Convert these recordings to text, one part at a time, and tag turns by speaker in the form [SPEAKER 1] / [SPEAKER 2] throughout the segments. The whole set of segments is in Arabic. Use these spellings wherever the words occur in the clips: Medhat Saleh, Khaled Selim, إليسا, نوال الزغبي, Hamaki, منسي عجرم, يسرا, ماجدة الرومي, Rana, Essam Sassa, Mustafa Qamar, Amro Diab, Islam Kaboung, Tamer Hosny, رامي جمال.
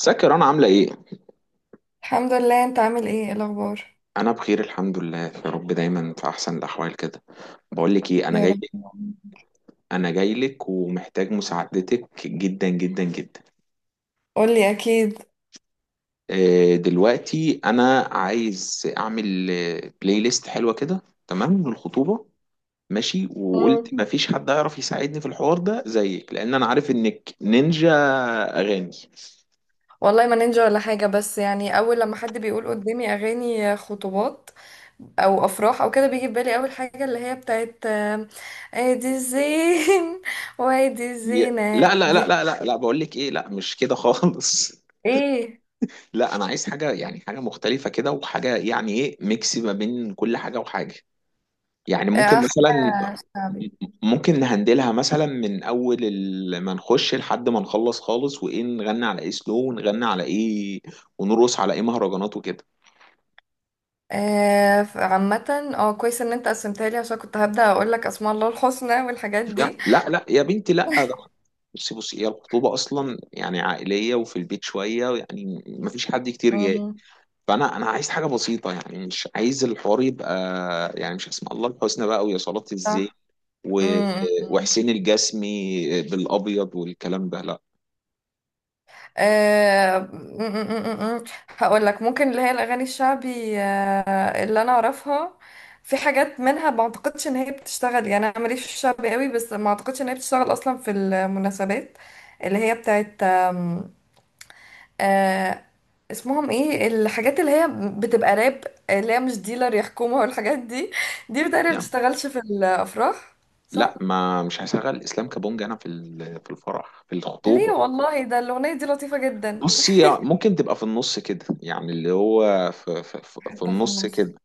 [SPEAKER 1] ازيك يا رنا، عاملة ايه؟
[SPEAKER 2] الحمد لله. انت عامل ايه؟ ايه الاخبار؟
[SPEAKER 1] أنا بخير الحمد لله، يا رب دايما في أحسن الأحوال كده. بقول لك ايه، أنا
[SPEAKER 2] يا
[SPEAKER 1] جاي.
[SPEAKER 2] رب.
[SPEAKER 1] أنا جاي لك ومحتاج مساعدتك جدا جدا جدا.
[SPEAKER 2] قولي اكيد.
[SPEAKER 1] دلوقتي أنا عايز أعمل بلاي ليست حلوة كده، تمام للخطوبة. ماشي،
[SPEAKER 2] مم.
[SPEAKER 1] وقلت مفيش حد هيعرف يساعدني في الحوار ده زيك، لأن أنا عارف إنك نينجا أغاني.
[SPEAKER 2] والله ما نينجا ولا حاجة، بس يعني أول لما حد بيقول قدامي أغاني خطوبات أو أفراح أو كده، بيجي في بالي أول حاجة اللي هي بتاعت أدي الزين وأدي الزينة
[SPEAKER 1] لا لا لا
[SPEAKER 2] دي.
[SPEAKER 1] لا لا لا، بقول لك ايه، لا مش كده خالص.
[SPEAKER 2] إيه؟
[SPEAKER 1] لا، انا عايز حاجه، يعني حاجه مختلفه كده، وحاجه يعني ايه، ميكس ما بين كل حاجه وحاجه. يعني ممكن مثلا،
[SPEAKER 2] حاجة شعبي.
[SPEAKER 1] ممكن نهندلها مثلا من اول ما نخش لحد ما نخلص خالص، وايه، نغني على ايه سلو، ونغني على ايه، ونرقص على ايه مهرجانات وكده.
[SPEAKER 2] عامة اه، كويس إن أنت قسمتها لي عشان كنت هبدأ أقول لك أسماء الله الحسنى والحاجات
[SPEAKER 1] لا
[SPEAKER 2] دي.
[SPEAKER 1] لا لا يا بنتي لا، ده بصي بصي، هي الخطوبه اصلا يعني عائليه وفي البيت شويه، يعني ما فيش حد كتير جاي.
[SPEAKER 2] مم.
[SPEAKER 1] فانا عايز حاجه بسيطه، يعني مش عايز الحوار يبقى، يعني مش اسمع الله الحسنى بقى ويا صلاه الزين
[SPEAKER 2] صح.
[SPEAKER 1] و...
[SPEAKER 2] مم، مم.
[SPEAKER 1] وحسين الجسمي بالابيض والكلام ده، لا.
[SPEAKER 2] أه... م- م- م- م- هقول لك ممكن اللي هي الاغاني الشعبي، اللي انا اعرفها، في حاجات منها ما اعتقدش ان هي بتشتغل. يعني انا ماليش في الشعبي قوي، بس ما اعتقدش ان هي بتشتغل اصلا في المناسبات، اللي هي بتاعت أه... اسمهم ايه الحاجات اللي هي بتبقى راب، اللي هي مش ديلر يحكمها والحاجات دي. دي بتقريبا ما
[SPEAKER 1] يعني
[SPEAKER 2] بتشتغلش في الافراح. صح.
[SPEAKER 1] لا، ما مش هشغل اسلام كابونج انا في في الفرح، في
[SPEAKER 2] ليه؟
[SPEAKER 1] الخطوبه.
[SPEAKER 2] والله ده الاغنيه دي لطيفه جدا.
[SPEAKER 1] بصي ممكن تبقى في النص كده، يعني اللي هو في
[SPEAKER 2] حته في
[SPEAKER 1] النص كده.
[SPEAKER 2] النص.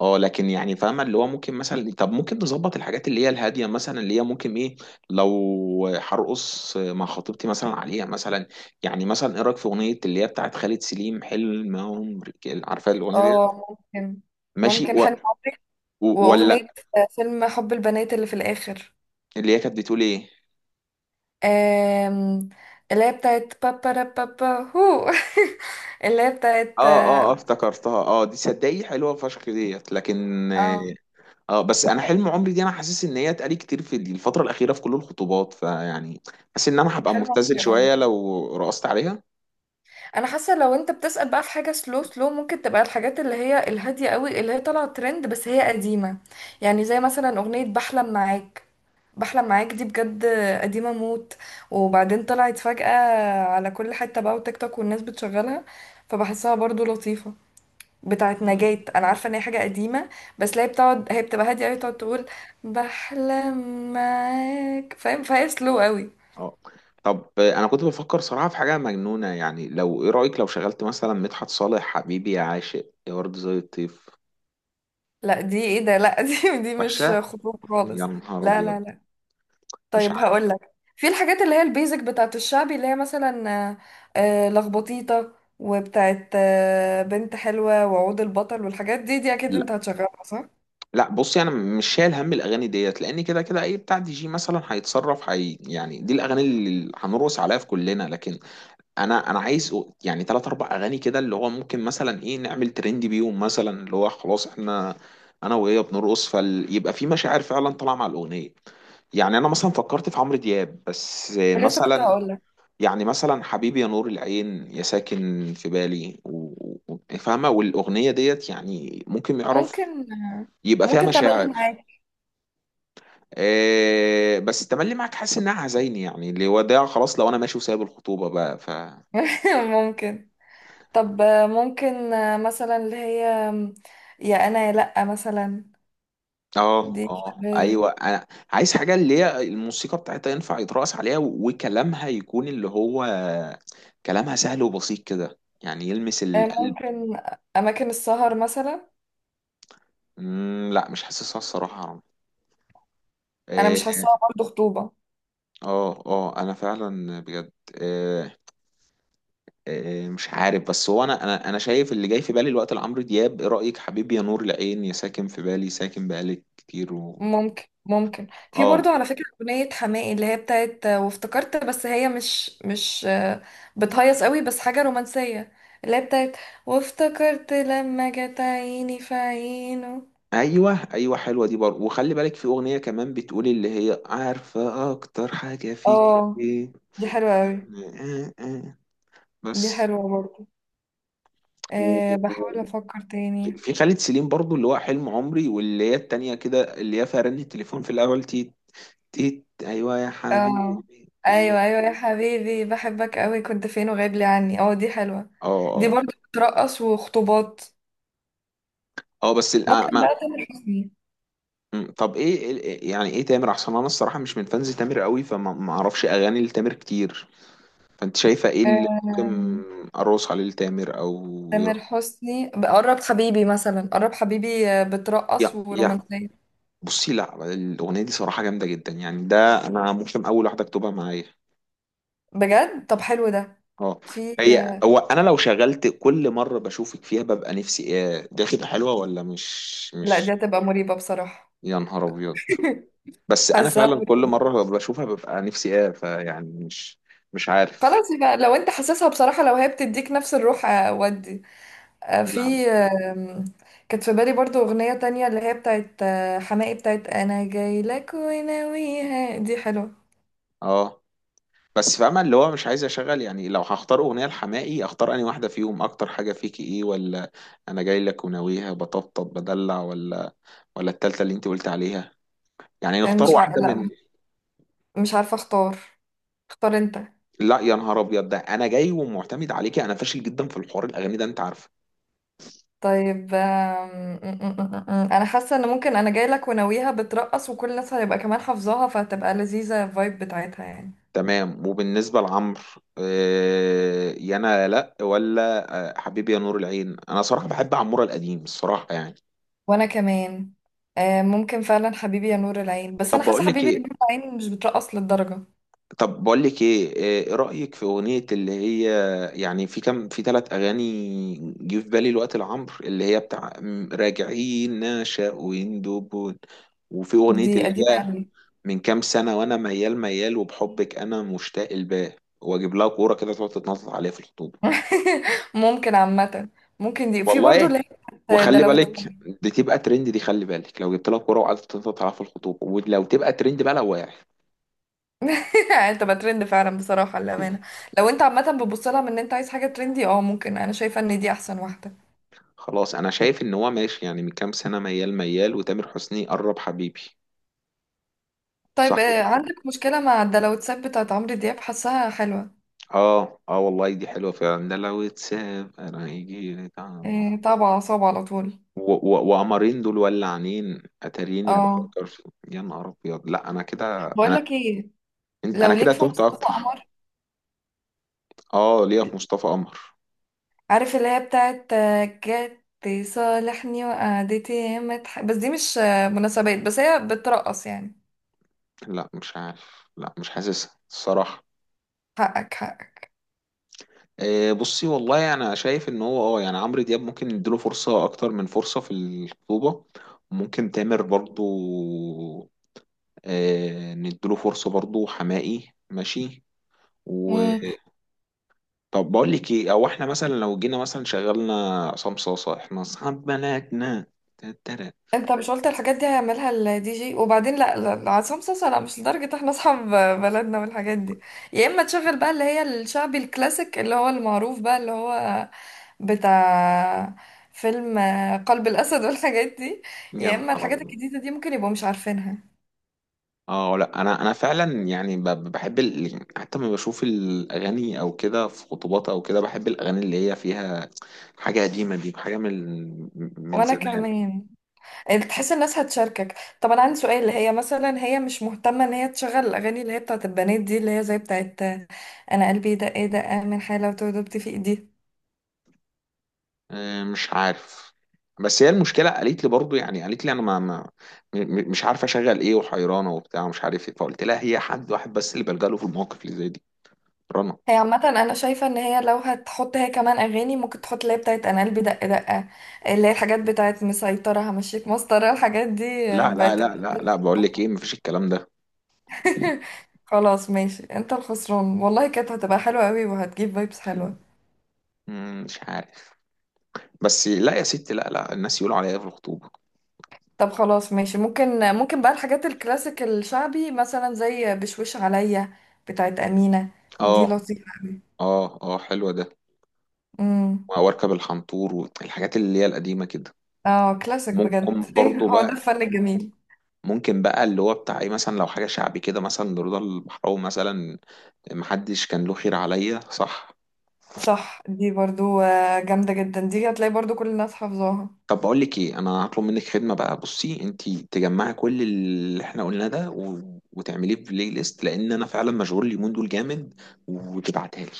[SPEAKER 1] اه، لكن يعني فاهمه اللي هو ممكن مثلا، طب ممكن نظبط الحاجات اللي هي الهاديه مثلا، اللي هي ممكن ايه لو هرقص مع خطيبتي مثلا عليها مثلا. يعني مثلا ايه رايك في اغنيه اللي هي بتاعت خالد سليم، حلم عمري؟ عارفه الاغنيه دي؟
[SPEAKER 2] اه ممكن.
[SPEAKER 1] ماشي،
[SPEAKER 2] ممكن حلم عمري واغنية
[SPEAKER 1] ولا
[SPEAKER 2] فيلم حب البنات اللي في الاخر.
[SPEAKER 1] اللي هي كانت بتقول ايه؟
[SPEAKER 2] آم، اللي هي بتاعت بابا را بابا هو اللي هي
[SPEAKER 1] اه
[SPEAKER 2] بتاعت.
[SPEAKER 1] اه اه افتكرتها، اه دي صدقي حلوه فشخ ديت، لكن اه
[SPEAKER 2] اه
[SPEAKER 1] بس انا حلم عمري دي، انا حاسس ان هي اتقالي كتير في الفتره الاخيره في كل الخطوبات، فيعني حاسس ان انا هبقى
[SPEAKER 2] حلو
[SPEAKER 1] مبتذل
[SPEAKER 2] عمري اه.
[SPEAKER 1] شويه لو رقصت عليها.
[SPEAKER 2] انا حاسه لو انت بتسأل بقى في حاجه سلو، سلو ممكن تبقى الحاجات اللي هي الهاديه قوي، اللي هي طالعه ترند بس هي قديمه. يعني زي مثلا اغنيه بحلم معاك. بحلم معاك دي بجد قديمة موت، وبعدين طلعت فجأة على كل حتة بقى وتيك توك والناس بتشغلها، فبحسها برضو لطيفة. بتاعت
[SPEAKER 1] مم،
[SPEAKER 2] نجاة. انا عارفة ان هي حاجة قديمة، بس لا، هي بتبقى هادية قوي، تقعد تقول بحلم معاك، فاهم؟ فهي سلو قوي.
[SPEAKER 1] اه، طب انا كنت بفكر صراحه في حاجه مجنونه، يعني لو ايه رايك لو شغلت مثلا مدحت صالح حبيبي يا عاشق يا ورد زي الطيف؟
[SPEAKER 2] لا دي ايه ده؟ لا دي مش
[SPEAKER 1] وحشه،
[SPEAKER 2] خطوب
[SPEAKER 1] يا
[SPEAKER 2] خالص.
[SPEAKER 1] نهار
[SPEAKER 2] لا
[SPEAKER 1] ابيض.
[SPEAKER 2] لا لا
[SPEAKER 1] مش
[SPEAKER 2] طيب هقول
[SPEAKER 1] عارف.
[SPEAKER 2] لك، في الحاجات اللي هي البيزك بتاعت الشعبي، اللي هي مثلا لخبطيطة، وبتاعت بنت حلوة، وعود البطل، والحاجات دي، دي اكيد انت هتشغلها صح؟
[SPEAKER 1] لا بصي، انا مش شايل هم الاغاني ديت، لان كده كده اي بتاع DJ مثلا هيتصرف، هي يعني دي الاغاني اللي هنرقص عليها في كلنا، لكن انا عايز يعني ثلاث اربع اغاني كده اللي هو ممكن مثلا ايه نعمل ترند بيهم، مثلا اللي هو خلاص احنا، انا وهي بنرقص، فيبقى في مشاعر فعلا طالعه مع الاغنيه. يعني انا مثلا فكرت في عمرو دياب بس،
[SPEAKER 2] لسه كنت
[SPEAKER 1] مثلا
[SPEAKER 2] هقول لك.
[SPEAKER 1] يعني مثلا حبيبي يا نور العين، يا ساكن في بالي فاهمه، والاغنيه ديت يعني ممكن يعرف
[SPEAKER 2] ممكن
[SPEAKER 1] يبقى فيها
[SPEAKER 2] ممكن تملي
[SPEAKER 1] مشاعر.
[SPEAKER 2] معاك.
[SPEAKER 1] إيه، بس التملي معاك حاسس انها عزايني، يعني اللي وداع خلاص لو انا ماشي وسايب الخطوبه بقى. ف
[SPEAKER 2] ممكن. طب ممكن مثلا اللي هي يا انا يا لأ مثلا.
[SPEAKER 1] اه
[SPEAKER 2] دي
[SPEAKER 1] اه،
[SPEAKER 2] شغالة.
[SPEAKER 1] ايوه، انا عايز حاجه اللي هي الموسيقى بتاعتها ينفع يترقص عليها، وكلامها يكون اللي هو كلامها سهل وبسيط كده، يعني يلمس القلب.
[SPEAKER 2] ممكن اماكن السهر مثلا.
[SPEAKER 1] لا مش حاسسها الصراحه يا رامي.
[SPEAKER 2] انا مش
[SPEAKER 1] إيه؟
[SPEAKER 2] حاساها برضه خطوبة.
[SPEAKER 1] اه اه، انا فعلا بجد، إيه؟ إيه، مش عارف، بس هو انا انا شايف اللي جاي في بالي الوقت لعمرو دياب، ايه رايك حبيبي يا نور العين، يا ساكن في بالي، ساكن بقالي كتير.
[SPEAKER 2] ممكن ممكن. في برضو
[SPEAKER 1] اه،
[SPEAKER 2] على فكرة أغنية حماقي اللي هي بتاعت وافتكرت، بس هي مش بتهيص قوي، بس حاجة رومانسية، اللي هي بتاعت وافتكرت لما جت عيني في عينه.
[SPEAKER 1] ايوه ايوه حلوه دي برضه، وخلي بالك في اغنيه كمان بتقول اللي هي عارفه اكتر حاجه فيك
[SPEAKER 2] اه
[SPEAKER 1] ايه.
[SPEAKER 2] دي حلوة قوي.
[SPEAKER 1] آه، آه.
[SPEAKER 2] دي
[SPEAKER 1] بس
[SPEAKER 2] حلوة برضو.
[SPEAKER 1] و-
[SPEAKER 2] أه بحاول
[SPEAKER 1] و-
[SPEAKER 2] أفكر تاني.
[SPEAKER 1] في خالد سليم برضه اللي هو حلم عمري، واللي هي التانية كده اللي هي فيها رن التليفون في الاول، تيت تيت، ايوه يا حبيبي.
[SPEAKER 2] اه
[SPEAKER 1] إيه.
[SPEAKER 2] أيوة يا حبيبي بحبك قوي كنت فين وغايب لي عني. اه دي حلوة.
[SPEAKER 1] اه
[SPEAKER 2] دي
[SPEAKER 1] اه.
[SPEAKER 2] برضو بترقص وخطوبات.
[SPEAKER 1] اه بس
[SPEAKER 2] ممكن
[SPEAKER 1] ما،
[SPEAKER 2] بقى تامر حسني.
[SPEAKER 1] طب ايه يعني ايه، تامر احسن؟ انا الصراحه مش من فانز تامر قوي، فما ما اعرفش اغاني لتامر كتير، فانت شايفة ايه اللي ممكن
[SPEAKER 2] آم،
[SPEAKER 1] اروس عليه التامر، او يرا،
[SPEAKER 2] تامر حسني قرب حبيبي مثلا. قرب حبيبي بترقص
[SPEAKER 1] يا
[SPEAKER 2] ورومانسية
[SPEAKER 1] بصي، لا الاغنية دي صراحة جامدة جدا، يعني ده انا ممكن اول واحدة اكتبها معايا.
[SPEAKER 2] بجد. طب حلو ده.
[SPEAKER 1] اه.
[SPEAKER 2] في
[SPEAKER 1] هي هو انا لو شغلت كل مرة بشوفك فيها ببقى نفسي ايه، دي هتبقى حلوة ولا مش
[SPEAKER 2] لا دي
[SPEAKER 1] مش؟
[SPEAKER 2] هتبقى مريبة بصراحة.
[SPEAKER 1] يا نهار ابيض. بس انا
[SPEAKER 2] حاسة
[SPEAKER 1] فعلا كل
[SPEAKER 2] مريبة.
[SPEAKER 1] مرة بشوفها ببقى نفسي ايه، فيعني مش، مش عارف.
[SPEAKER 2] خلاص يبقى لو انت حاسسها بصراحة، لو هي بتديك نفس الروح ودي. في
[SPEAKER 1] لا،
[SPEAKER 2] آم، كانت في بالي برضو أغنية تانية اللي هي بتاعت حماقي، بتاعت أنا جاي لك وناويها، دي حلوة.
[SPEAKER 1] اه، بس فاهمة اللي هو مش عايز اشغل، يعني لو هختار اغنية لحماقي اختار انهي واحدة فيهم، اكتر حاجة فيكي ايه، ولا انا جاي لك وناويها، بطبطب بدلع، ولا ولا التالتة اللي انت قلت عليها؟ يعني
[SPEAKER 2] آه،
[SPEAKER 1] نختار
[SPEAKER 2] مش ع...
[SPEAKER 1] واحدة من،
[SPEAKER 2] لا مش عارفة اختار. اختار انت.
[SPEAKER 1] لا يا نهار ابيض ده انا جاي ومعتمد عليكي، انا فاشل جدا في الحوار الاغاني ده انت عارفه.
[SPEAKER 2] طيب آم، م- م- م- م- م. انا حاسه ان ممكن انا جاي لك وناويها بترقص وكل الناس هتبقى كمان حافظاها، فهتبقى لذيذه الفايب بتاعتها يعني.
[SPEAKER 1] تمام، وبالنسبة لعمرو يا انا لا، ولا حبيبي يا نور العين، انا صراحة بحب عمورة القديم الصراحة يعني.
[SPEAKER 2] وانا كمان. ممكن فعلا حبيبي يا نور العين، بس انا
[SPEAKER 1] طب
[SPEAKER 2] حاسه
[SPEAKER 1] بقول لك
[SPEAKER 2] حبيبي يا
[SPEAKER 1] ايه،
[SPEAKER 2] نور العين مش بترقص للدرجه.
[SPEAKER 1] طب بقول لك ايه ايه رأيك في اغنية اللي هي، يعني في كام، في ثلاث اغاني جه في بالي الوقت لعمرو اللي هي بتاع راجعين نشأ ويندوبون، وفي اغنية
[SPEAKER 2] دي
[SPEAKER 1] اللي
[SPEAKER 2] قديمه
[SPEAKER 1] هي
[SPEAKER 2] قوي.
[SPEAKER 1] من كام سنة، وانا ميال ميال، وبحبك انا مشتاق، الباه واجيب لها كورة كده تقعد تتنطط عليها في الخطوبة.
[SPEAKER 2] ممكن عامه. ممكن دي، في
[SPEAKER 1] والله
[SPEAKER 2] برضو اللي
[SPEAKER 1] ايه،
[SPEAKER 2] هي بتاعت ده،
[SPEAKER 1] وخلي
[SPEAKER 2] لو
[SPEAKER 1] بالك دي تبقى ترند، دي خلي بالك لو جبت لها كورة وقعدت تتنطط عليها في الخطوبة، ولو تبقى ترند بقى لو واعي.
[SPEAKER 2] انت بقى ترند فعلا بصراحه للامانه. لو انت عامه بتبص لها من ان انت عايز حاجه ترندي، اه ممكن، انا شايفه ان دي احسن واحده.
[SPEAKER 1] خلاص، انا شايف ان هو ماشي يعني من كام سنه، ميال ميال، وتامر حسني قرب حبيبي. صح
[SPEAKER 2] طيب
[SPEAKER 1] كده.
[SPEAKER 2] عندك مشكلة مع الدلوتسات بتاعت عمرو دياب؟ حاساها حلوة.
[SPEAKER 1] اه اه، والله دي حلوه فعلا، ده لو اتساب انا هيجي لي طعم.
[SPEAKER 2] طبعا، أعصاب على طول.
[SPEAKER 1] وقمرين دول ولعانين، اتاريني
[SPEAKER 2] اه.
[SPEAKER 1] بفكر في، يا نهار ابيض. لا انا كده،
[SPEAKER 2] بقول
[SPEAKER 1] انا
[SPEAKER 2] لك ايه،
[SPEAKER 1] انا
[SPEAKER 2] لو ليك
[SPEAKER 1] كده
[SPEAKER 2] في
[SPEAKER 1] تهت
[SPEAKER 2] مصطفى
[SPEAKER 1] اكتر.
[SPEAKER 2] قمر.
[SPEAKER 1] اه ليا في مصطفى قمر.
[SPEAKER 2] عارف اللي هي بتاعت جت صالحني وقعدتي ياما تح-، بس دي مش مناسبات، بس هي بترقص يعني.
[SPEAKER 1] لا مش عارف، لا مش حاسسها الصراحه.
[SPEAKER 2] حقك حقك.
[SPEAKER 1] بصي والله يعني انا شايف ان هو اه يعني عمرو دياب ممكن نديله فرصه اكتر من فرصه في الخطوبه، ممكن تامر برضو نديله فرصه برضو، حماقي ماشي. و طب بقول لك ايه، او احنا مثلا لو جينا مثلا شغلنا عصام صاصه، احنا اصحاب بلدنا، تترى،
[SPEAKER 2] انت مش قلت الحاجات دي هيعملها الدي جي؟ وبعدين لا، عصام صاصا لا، مش لدرجة احنا اصحاب بلدنا والحاجات دي. يا اما تشغل بقى اللي هي الشعبي الكلاسيك، اللي هو المعروف بقى، اللي هو بتاع فيلم قلب الاسد والحاجات دي.
[SPEAKER 1] يا
[SPEAKER 2] يا اما
[SPEAKER 1] نهار
[SPEAKER 2] الحاجات
[SPEAKER 1] أبيض.
[SPEAKER 2] الجديدة دي ممكن يبقوا مش عارفينها.
[SPEAKER 1] اه، لا انا فعلا يعني بحب حتى لما بشوف الاغاني او كده في خطوبات او كده بحب الاغاني اللي هي فيها حاجه قديمه، دي حاجه من من
[SPEAKER 2] وانا
[SPEAKER 1] زمان.
[SPEAKER 2] كمان. تحس الناس هتشاركك. طب انا عندي سؤال، هي مثلا هي مش مهتمة ان هي تشغل الاغاني اللي هي بتاعت البنات دي، اللي هي زي بتاعت انا قلبي دق دق من حالة، وتوه دبت في ايدي؟
[SPEAKER 1] مش عارف، بس هي المشكله قالت لي برضو، يعني قالت لي انا ما م- م- مش عارفه اشغل ايه وحيرانه وبتاع ومش عارف ايه، فقلت لها هي حد واحد بس اللي بلجأ له في المواقف اللي زي دي، رنا.
[SPEAKER 2] هي عامة أنا شايفة إن هي لو هتحط هي كمان أغاني ممكن تحط اللي هي بتاعت أنا قلبي دق دقة، اللي هي الحاجات بتاعت مسيطرة، همشيك مسطرة، الحاجات دي
[SPEAKER 1] لا لا
[SPEAKER 2] بقت.
[SPEAKER 1] لا لا لا، بقول لك ايه، مفيش الكلام ده.
[SPEAKER 2] خلاص ماشي، أنت الخسران، والله كانت هتبقى حلوة أوي وهتجيب فايبس حلوة.
[SPEAKER 1] مش عارف، بس لا يا ستي، لا لا الناس يقولوا عليا إيه في الخطوبه.
[SPEAKER 2] طب خلاص ماشي، ممكن ممكن بقى الحاجات الكلاسيك الشعبي، مثلا زي بشوش عليا بتاعت أمينة.
[SPEAKER 1] اه
[SPEAKER 2] دي لطيفة أوي.
[SPEAKER 1] اه اه حلوه ده،
[SPEAKER 2] امم.
[SPEAKER 1] واركب الحنطور والحاجات اللي هي القديمه كده.
[SPEAKER 2] اه كلاسيك
[SPEAKER 1] ممكن
[SPEAKER 2] بجد، ايه
[SPEAKER 1] برضو
[SPEAKER 2] هو ده
[SPEAKER 1] بقى،
[SPEAKER 2] الفن الجميل.
[SPEAKER 1] ممكن بقى اللي هو بتاع ايه مثلا لو حاجه شعبي كده مثلا لرضا البحراوي مثلا، محدش كان له خير عليا، صح؟
[SPEAKER 2] صح، دي برضو جامدة جدا، دي هتلاقي برضو كل الناس حافظاها.
[SPEAKER 1] طب بقول لك ايه، انا هطلب منك خدمه بقى، بصي انت تجمعي كل اللي احنا قلناه ده وتعمليه في بلاي ليست، لان انا فعلا مشغول اليومين دول جامد، وتبعتها لي.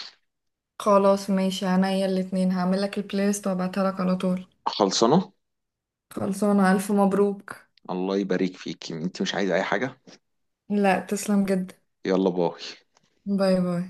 [SPEAKER 2] خلاص ماشي، عينيا الاتنين، هعملك البلاي ليست وابعتها لك على طول.
[SPEAKER 1] خلصانه.
[SPEAKER 2] خلصانة. ألف مبروك.
[SPEAKER 1] الله يبارك فيك، انت مش عايزه اي حاجه؟
[SPEAKER 2] لا تسلم جدا.
[SPEAKER 1] يلا باي.
[SPEAKER 2] باي باي.